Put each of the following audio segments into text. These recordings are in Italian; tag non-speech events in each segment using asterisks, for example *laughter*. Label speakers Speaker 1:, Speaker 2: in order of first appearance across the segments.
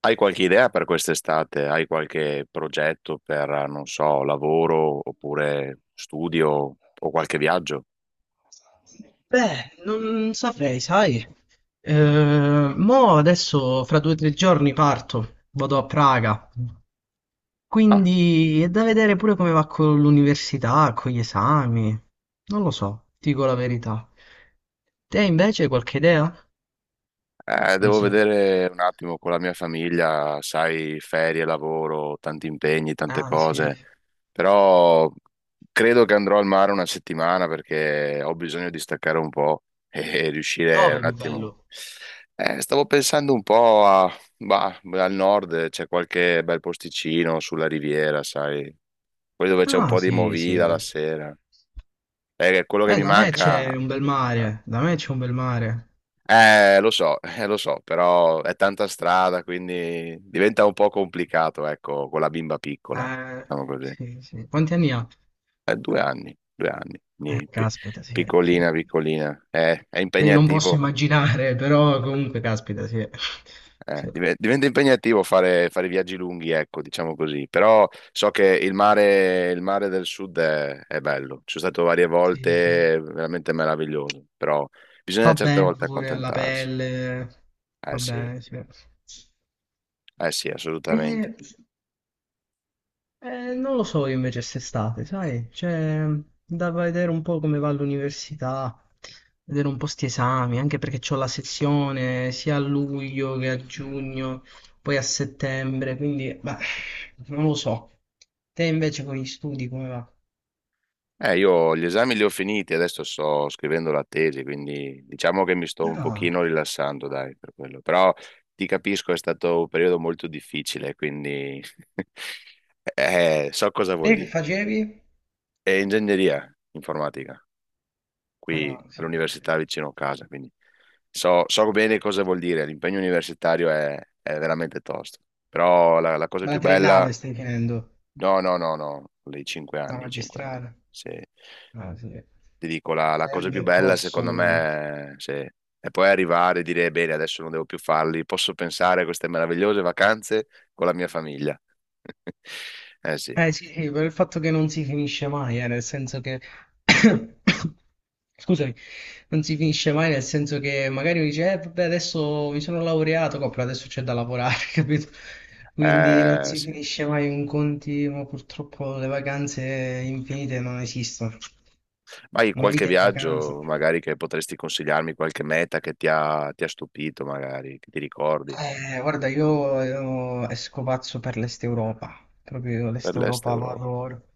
Speaker 1: Hai qualche idea per quest'estate? Hai qualche progetto per, non so, lavoro oppure studio o qualche viaggio?
Speaker 2: Beh, non saprei, sai. Mo adesso fra 2 o 3 giorni parto, vado a Praga.
Speaker 1: Ah,
Speaker 2: Quindi è da vedere pure come va con l'università, con gli esami. Non lo so, ti dico la verità. Te invece hai qualche idea? Non
Speaker 1: devo
Speaker 2: so.
Speaker 1: vedere un attimo con la mia famiglia, sai, ferie, lavoro, tanti impegni, tante
Speaker 2: Ah, sì.
Speaker 1: cose, però credo che andrò al mare una settimana perché ho bisogno di staccare un po' e *laughs* riuscire
Speaker 2: Dove
Speaker 1: un
Speaker 2: di
Speaker 1: attimo.
Speaker 2: bello?
Speaker 1: Stavo pensando un po' bah, al nord, c'è qualche bel posticino sulla riviera, sai. Poi dove c'è un
Speaker 2: Ah,
Speaker 1: po' di
Speaker 2: sì, sì.
Speaker 1: movida la sera. È quello che mi
Speaker 2: Da me
Speaker 1: manca.
Speaker 2: c'è un bel mare, da me c'è un bel mare.
Speaker 1: Lo so, *laughs* lo so, però è tanta strada, quindi diventa un po' complicato, ecco, con la bimba piccola,
Speaker 2: Eh,
Speaker 1: diciamo così.
Speaker 2: sì, sì. Quanti anni ha?
Speaker 1: È 2 anni, 2 anni, quindi
Speaker 2: Caspita, sì, sì. Cioè,
Speaker 1: piccolina, piccolina. È
Speaker 2: io non posso
Speaker 1: impegnativo.
Speaker 2: immaginare, però comunque, caspita, sì. Sì,
Speaker 1: Diventa impegnativo fare viaggi lunghi, ecco, diciamo così, però so che il mare del sud è bello, ci sono stato varie
Speaker 2: sì, sì.
Speaker 1: volte, è veramente meraviglioso, però bisogna
Speaker 2: Fa
Speaker 1: certe
Speaker 2: bene
Speaker 1: volte
Speaker 2: pure alla
Speaker 1: accontentarsi.
Speaker 2: pelle,
Speaker 1: Eh
Speaker 2: va
Speaker 1: sì,
Speaker 2: bene, sì.
Speaker 1: eh sì, assolutamente.
Speaker 2: Eh, non lo so io invece quest'estate, sai? Cioè, da vedere un po' come va l'università, vedere un po' sti esami, anche perché c'ho la sezione sia a luglio che a giugno, poi a settembre, quindi, beh, non lo so. Te invece con gli studi come va?
Speaker 1: Io gli esami li ho finiti, adesso sto scrivendo la tesi, quindi diciamo che mi sto un
Speaker 2: No.
Speaker 1: pochino rilassando, dai, per quello, però ti capisco, è stato un periodo molto difficile, quindi *laughs* so cosa vuol
Speaker 2: Te che
Speaker 1: dire.
Speaker 2: facevi?
Speaker 1: È ingegneria informatica, qui
Speaker 2: Ah, sì.
Speaker 1: all'università vicino a casa, quindi so bene cosa vuol dire, l'impegno universitario è veramente tosto, però la cosa
Speaker 2: Ma la
Speaker 1: più bella,
Speaker 2: triennale stai finendo,
Speaker 1: no, no, no, no, i cinque
Speaker 2: la
Speaker 1: anni, i 5 anni,
Speaker 2: magistrale.
Speaker 1: se,
Speaker 2: Ah, sì.
Speaker 1: ti dico, la
Speaker 2: È
Speaker 1: cosa
Speaker 2: un
Speaker 1: più bella secondo
Speaker 2: percorso.
Speaker 1: me se, è poi arrivare e dire, bene, adesso non devo più farli, posso pensare a queste meravigliose vacanze con la mia famiglia. *laughs* Eh sì.
Speaker 2: Eh sì, sì, per il fatto che non si finisce mai, nel senso che. *coughs* Scusami, non si finisce mai, nel senso che magari mi dice, vabbè, adesso mi sono laureato, però adesso c'è da lavorare, *laughs* capito? Quindi non si
Speaker 1: Sì.
Speaker 2: finisce mai un continuo, purtroppo le vacanze infinite non esistono.
Speaker 1: Hai
Speaker 2: Una
Speaker 1: qualche
Speaker 2: vita in vacanza.
Speaker 1: viaggio magari che potresti consigliarmi, qualche meta che ti ha stupito magari, che ti ricordi
Speaker 2: Guarda, io esco pazzo per l'Est Europa, proprio
Speaker 1: per
Speaker 2: l'Est
Speaker 1: l'Est
Speaker 2: Europa lo
Speaker 1: Europa?
Speaker 2: adoro.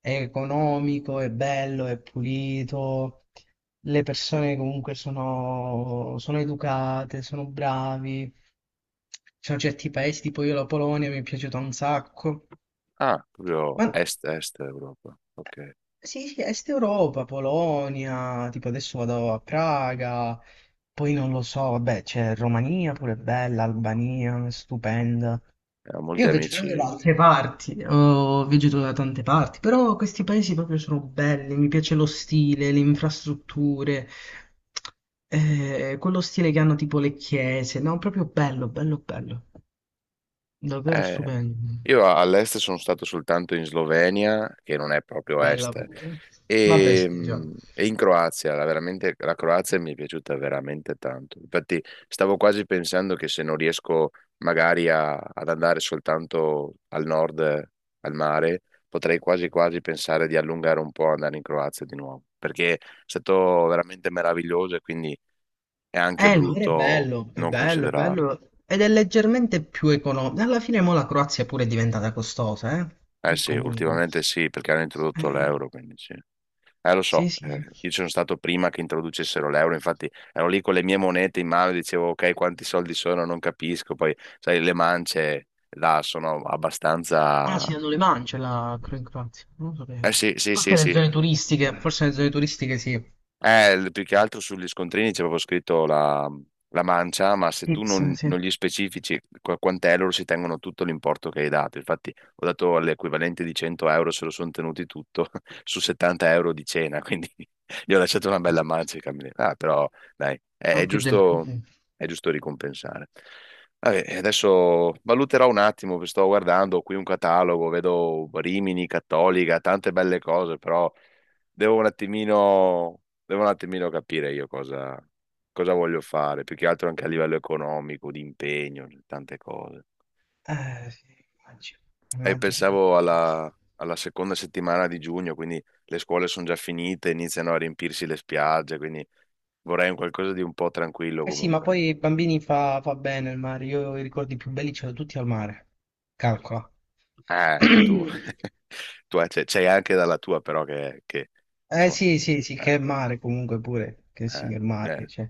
Speaker 2: È economico, è bello, è pulito, le persone comunque sono, sono educate, sono bravi. Ci sono certi paesi, tipo io la Polonia mi è piaciuta un sacco.
Speaker 1: Ah, proprio
Speaker 2: Ma
Speaker 1: Est-Est Europa. Ok,
Speaker 2: sì, sì, Est Europa, Polonia, tipo adesso vado a Praga, poi non lo so, vabbè, c'è Romania pure bella, Albania, stupenda.
Speaker 1: eh, ho molti
Speaker 2: Io vegeto anche da
Speaker 1: amici.
Speaker 2: altre parti, ho vegeto da tante parti, però questi paesi proprio sono belli, mi piace lo stile, le infrastrutture, quello stile che hanno tipo le chiese, no, proprio bello, bello, bello, davvero
Speaker 1: Eh,
Speaker 2: stupendo,
Speaker 1: io all'est sono stato soltanto in Slovenia, che non è proprio
Speaker 2: bella
Speaker 1: est,
Speaker 2: pure. Vabbè,
Speaker 1: e,
Speaker 2: sì, diciamo.
Speaker 1: mm, e in Croazia. Veramente, la Croazia mi è piaciuta veramente tanto. Infatti, stavo quasi pensando che se non riesco magari ad andare soltanto al nord, al mare, potrei quasi quasi pensare di allungare un po' e andare in Croazia di nuovo, perché è stato veramente meraviglioso e quindi è anche
Speaker 2: Il mare è
Speaker 1: brutto
Speaker 2: bello, è
Speaker 1: non
Speaker 2: bello, è
Speaker 1: considerarlo.
Speaker 2: bello, ed è leggermente più economico. Alla fine mo la Croazia pure è diventata costosa,
Speaker 1: Eh
Speaker 2: eh?
Speaker 1: sì,
Speaker 2: Comunque.
Speaker 1: ultimamente sì, perché hanno introdotto
Speaker 2: Eh,
Speaker 1: l'euro, quindi sì. Lo
Speaker 2: sì,
Speaker 1: so,
Speaker 2: sì.
Speaker 1: io ci sono stato prima che introducessero l'euro, infatti ero lì con le mie monete in mano e dicevo, ok, quanti soldi sono, non capisco, poi, sai, le mance là sono
Speaker 2: Ah,
Speaker 1: abbastanza.
Speaker 2: sì, non le mangia la Croazia, non lo
Speaker 1: Eh
Speaker 2: sapevo.
Speaker 1: sì, sì,
Speaker 2: Forse
Speaker 1: sì,
Speaker 2: nelle
Speaker 1: sì,
Speaker 2: zone turistiche, forse nelle zone turistiche sì.
Speaker 1: eh, più che altro sugli scontrini c'è proprio scritto la mancia, ma se tu
Speaker 2: Tips,
Speaker 1: non,
Speaker 2: sì.
Speaker 1: non gli specifici quant'è, loro si tengono tutto l'importo che hai dato. Infatti, ho dato l'equivalente di 100 euro, se lo sono tenuti tutto *laughs* su 70 euro di cena, quindi *laughs* gli ho lasciato una bella
Speaker 2: Aspetta.
Speaker 1: mancia ai camerieri. Ah, però dai, è,
Speaker 2: Ah,
Speaker 1: è
Speaker 2: più del...
Speaker 1: giusto, è giusto ricompensare. Vabbè, e adesso valuterò un attimo, perché sto guardando qui un catalogo, vedo Rimini, Cattolica, tante belle cose, però devo un attimino devo un attimino capire io cosa voglio fare, più che altro anche a livello economico, di impegno, tante cose.
Speaker 2: Sì, immagino,
Speaker 1: E
Speaker 2: immagino.
Speaker 1: pensavo
Speaker 2: Immagino.
Speaker 1: alla seconda settimana di giugno, quindi le scuole sono già finite, iniziano a riempirsi le spiagge, quindi vorrei un qualcosa di un po' tranquillo
Speaker 2: Eh sì, ma
Speaker 1: comunque.
Speaker 2: poi i bambini fa bene il mare. Io i ricordi più belli ce li ho tutti al mare. Calcola. *clears throat*
Speaker 1: Tu, *laughs* tu c'è anche dalla tua però che
Speaker 2: Eh
Speaker 1: insomma,
Speaker 2: sì, sì, sì,
Speaker 1: eh,
Speaker 2: che mare comunque pure. Che
Speaker 1: eh,
Speaker 2: signor mare che
Speaker 1: eh,
Speaker 2: c'è.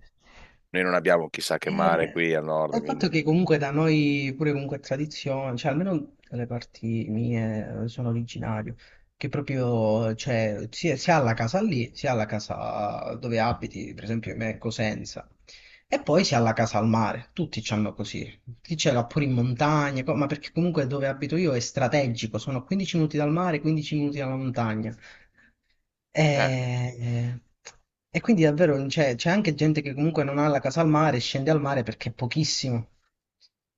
Speaker 1: noi non abbiamo chissà che mare
Speaker 2: Eh,
Speaker 1: qui al
Speaker 2: è
Speaker 1: nord,
Speaker 2: il fatto che
Speaker 1: quindi...
Speaker 2: comunque da noi pure comunque è tradizione, cioè almeno le parti mie sono originario, che proprio cioè, sia alla casa lì, sia alla casa dove abiti, per esempio me è Cosenza, e poi sia alla casa al mare, tutti c'hanno così, chi ce l'ha pure in montagna, ma perché comunque dove abito io è strategico, sono 15 minuti dal mare, 15 minuti dalla montagna.
Speaker 1: eh,
Speaker 2: E, e quindi davvero cioè, c'è anche gente che comunque non ha la casa al mare, scende al mare perché è pochissimo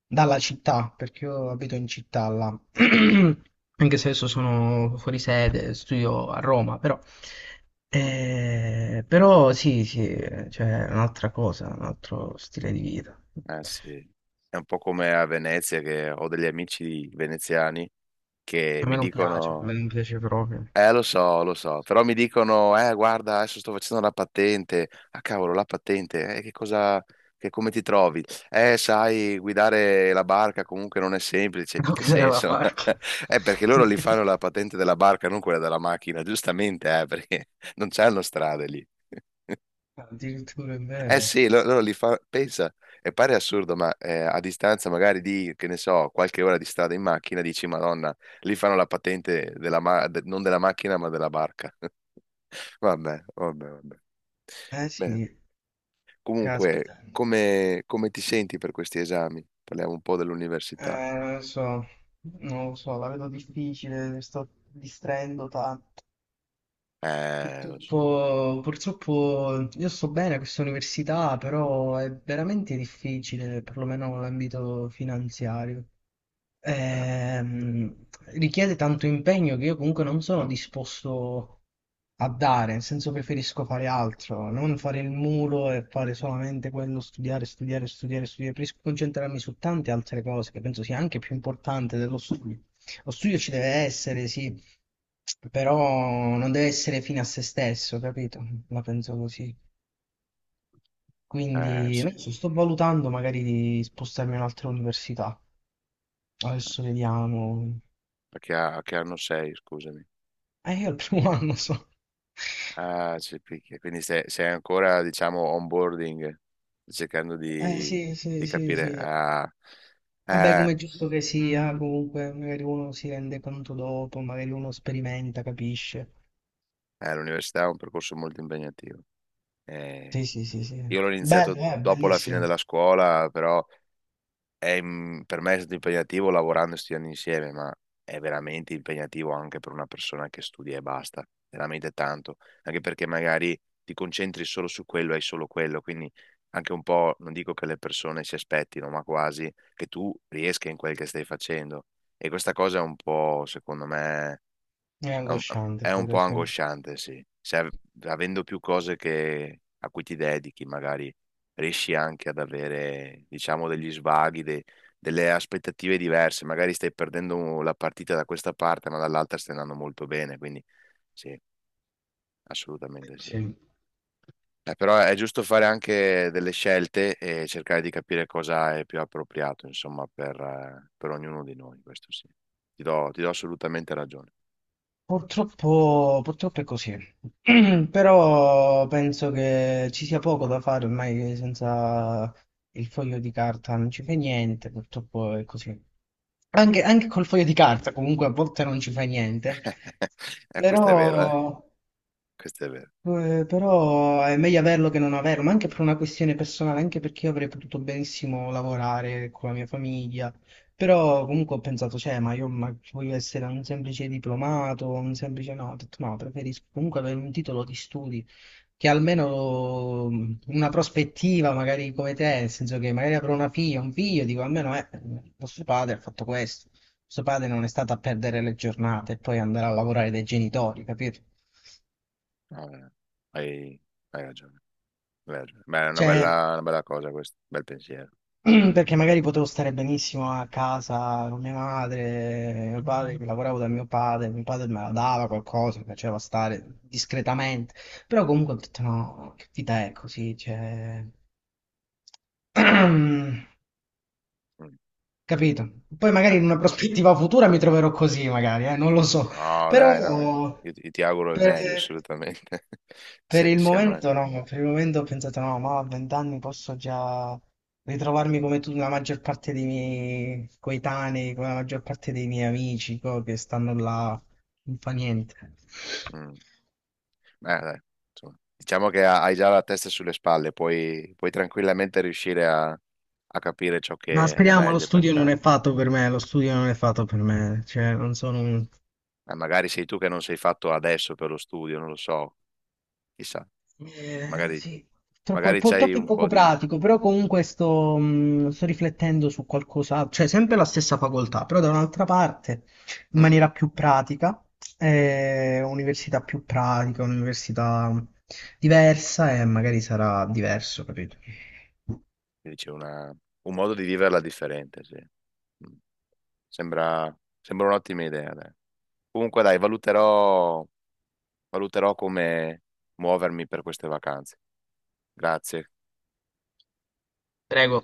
Speaker 2: dalla città, perché io abito in città là. *clears throat* Anche se adesso sono fuori sede, studio a Roma, però,
Speaker 1: mm.
Speaker 2: però sì, sì, cioè, è un'altra cosa, un altro stile di vita.
Speaker 1: Eh sì, è un po' come a Venezia che ho degli amici veneziani che
Speaker 2: A
Speaker 1: mi
Speaker 2: me non piace, a me
Speaker 1: dicono,
Speaker 2: non piace proprio.
Speaker 1: lo
Speaker 2: *laughs*
Speaker 1: so, però mi dicono, guarda, adesso sto facendo la patente, ah cavolo, la patente, che cosa, che come ti trovi? Sai, guidare la barca comunque non è semplice, in
Speaker 2: Non
Speaker 1: che
Speaker 2: creare la
Speaker 1: senso?
Speaker 2: macchina.
Speaker 1: *laughs* Perché loro li fanno la
Speaker 2: *laughs*
Speaker 1: patente della barca, non quella della macchina, giustamente, perché *laughs* non c'hanno strade lì.
Speaker 2: Addirittura è
Speaker 1: Eh
Speaker 2: vero.
Speaker 1: sì, loro li fa, pensa, e pare assurdo, ma a distanza magari di, che ne so, qualche ora di strada in macchina, dici, Madonna, lì fanno la patente della non della macchina, ma della barca. *laughs* Vabbè, vabbè, vabbè.
Speaker 2: Eh
Speaker 1: Bene.
Speaker 2: sì,
Speaker 1: Comunque,
Speaker 2: caspita.
Speaker 1: come ti senti per questi esami? Parliamo un po' dell'università.
Speaker 2: Non lo so, non lo so, la vedo difficile, mi sto distraendo tanto.
Speaker 1: Lo so.
Speaker 2: Purtroppo, purtroppo io sto bene a questa università, però è veramente difficile, perlomeno nell'ambito finanziario.
Speaker 1: Eh,
Speaker 2: ehm, richiede tanto impegno che io comunque non sono disposto a dare, nel senso preferisco fare altro, non fare il mulo e fare solamente quello, studiare, studiare, studiare, studiare, preferisco concentrarmi su tante altre cose che penso sia anche più importante dello studio. Lo studio ci deve essere, sì, però non deve essere fine a se stesso, capito? La penso così.
Speaker 1: eh,
Speaker 2: Quindi,
Speaker 1: sì,
Speaker 2: non so, sto valutando magari di spostarmi in un'altra università. Adesso vediamo.
Speaker 1: perché, che anno sei, scusami?
Speaker 2: Io al primo *laughs* anno so.
Speaker 1: Ah, c'è il picchio. Quindi sei ancora, diciamo, onboarding, cercando
Speaker 2: Eh
Speaker 1: di,
Speaker 2: sì, sì,
Speaker 1: di
Speaker 2: sì,
Speaker 1: capire.
Speaker 2: sì.
Speaker 1: Ah,
Speaker 2: Vabbè,
Speaker 1: eh,
Speaker 2: come è giusto che sia, comunque magari uno si rende conto dopo, magari uno sperimenta, capisce.
Speaker 1: l'università è un percorso molto impegnativo. Eh,
Speaker 2: Sì, sì, sì, sì.
Speaker 1: io l'ho iniziato
Speaker 2: Bello,
Speaker 1: dopo la fine
Speaker 2: bellissimo.
Speaker 1: della scuola, però per me è stato impegnativo lavorando e studiando insieme, ma è veramente impegnativo anche per una persona che studia e basta, veramente tanto, anche perché magari ti concentri solo su quello, e hai solo quello, quindi anche un po', non dico che le persone si aspettino, ma quasi che tu riesca in quel che stai facendo. E questa cosa è un po', secondo me,
Speaker 2: È
Speaker 1: è un,
Speaker 2: angosciante
Speaker 1: è un
Speaker 2: pure,
Speaker 1: po'
Speaker 2: sì.
Speaker 1: angosciante, sì. Se av- Avendo più cose a cui ti dedichi, magari riesci anche ad avere, diciamo, degli svaghi, delle aspettative diverse. Magari stai perdendo la partita da questa parte, ma dall'altra stai andando molto bene. Quindi sì, assolutamente sì.
Speaker 2: Sì.
Speaker 1: Però è giusto fare anche delle scelte e cercare di capire cosa è più appropriato, insomma, per ognuno di noi. Questo sì. Ti do assolutamente ragione.
Speaker 2: Purtroppo, purtroppo è così, *clears throat* però penso che ci sia poco da fare ormai senza il foglio di carta, non ci fai niente, purtroppo è così. Anche, anche col foglio di carta comunque a volte non ci fai niente,
Speaker 1: *laughs* Questo è vero, eh?
Speaker 2: però
Speaker 1: Questo è vero.
Speaker 2: però è meglio averlo che non averlo, ma anche per una questione personale, anche perché io avrei potuto benissimo lavorare con la mia famiglia. Però comunque ho pensato, cioè, ma io ma voglio essere un semplice diplomato, un semplice no, ho detto no, preferisco comunque avere un titolo di studi che almeno una prospettiva, magari come te, nel senso che magari avrò una figlia, un figlio, dico almeno vostro padre ha fatto questo, vostro padre non è stato a perdere le giornate e poi andare a lavorare dai genitori, capito?
Speaker 1: No, hai, hai ragione, hai ragione. Beh, è una
Speaker 2: Cioè,
Speaker 1: bella, una bella cosa questo, bel pensiero.
Speaker 2: *clears throat* perché magari potevo stare benissimo a casa con mia madre, mio padre, che lavoravo da mio padre me la dava qualcosa, mi piaceva stare discretamente, però comunque ho detto no, che vita è così, cioè... *clears throat*
Speaker 1: Mm.
Speaker 2: Capito? Poi magari
Speaker 1: Eh,
Speaker 2: in una prospettiva futura mi troverò così, magari, non lo so,
Speaker 1: no,
Speaker 2: però
Speaker 1: dai, no, io ti auguro il meglio,
Speaker 2: per,
Speaker 1: assolutamente. *laughs*
Speaker 2: per il
Speaker 1: Siamo.
Speaker 2: momento no, per il momento ho pensato no, ma a 20 anni posso già ritrovarmi come tu, la maggior parte dei miei coetanei, come la maggior parte dei miei amici, che stanno là, non fa niente.
Speaker 1: Mm. Beh, dai, insomma, diciamo che hai già la testa sulle spalle, puoi tranquillamente riuscire a capire ciò
Speaker 2: Ma
Speaker 1: che è
Speaker 2: speriamo, lo
Speaker 1: meglio per
Speaker 2: studio non
Speaker 1: te.
Speaker 2: è fatto per me, lo studio non è fatto per me, cioè non sono un
Speaker 1: Magari sei tu che non sei fatto adesso per lo studio, non lo so, chissà,
Speaker 2: eh,
Speaker 1: magari,
Speaker 2: sì, troppo,
Speaker 1: magari c'hai
Speaker 2: troppo
Speaker 1: un
Speaker 2: poco
Speaker 1: po' di.
Speaker 2: pratico, però comunque sto riflettendo su qualcosa, cioè sempre la stessa facoltà, però da un'altra parte, in
Speaker 1: Mm.
Speaker 2: maniera più pratica, università più pratica, università diversa e magari sarà diverso, capito?
Speaker 1: Quindi c'è un modo di viverla differente, sì. Mm. Sembra, sembra un'ottima idea, dai. Comunque, dai, valuterò come muovermi per queste vacanze. Grazie.
Speaker 2: Prego.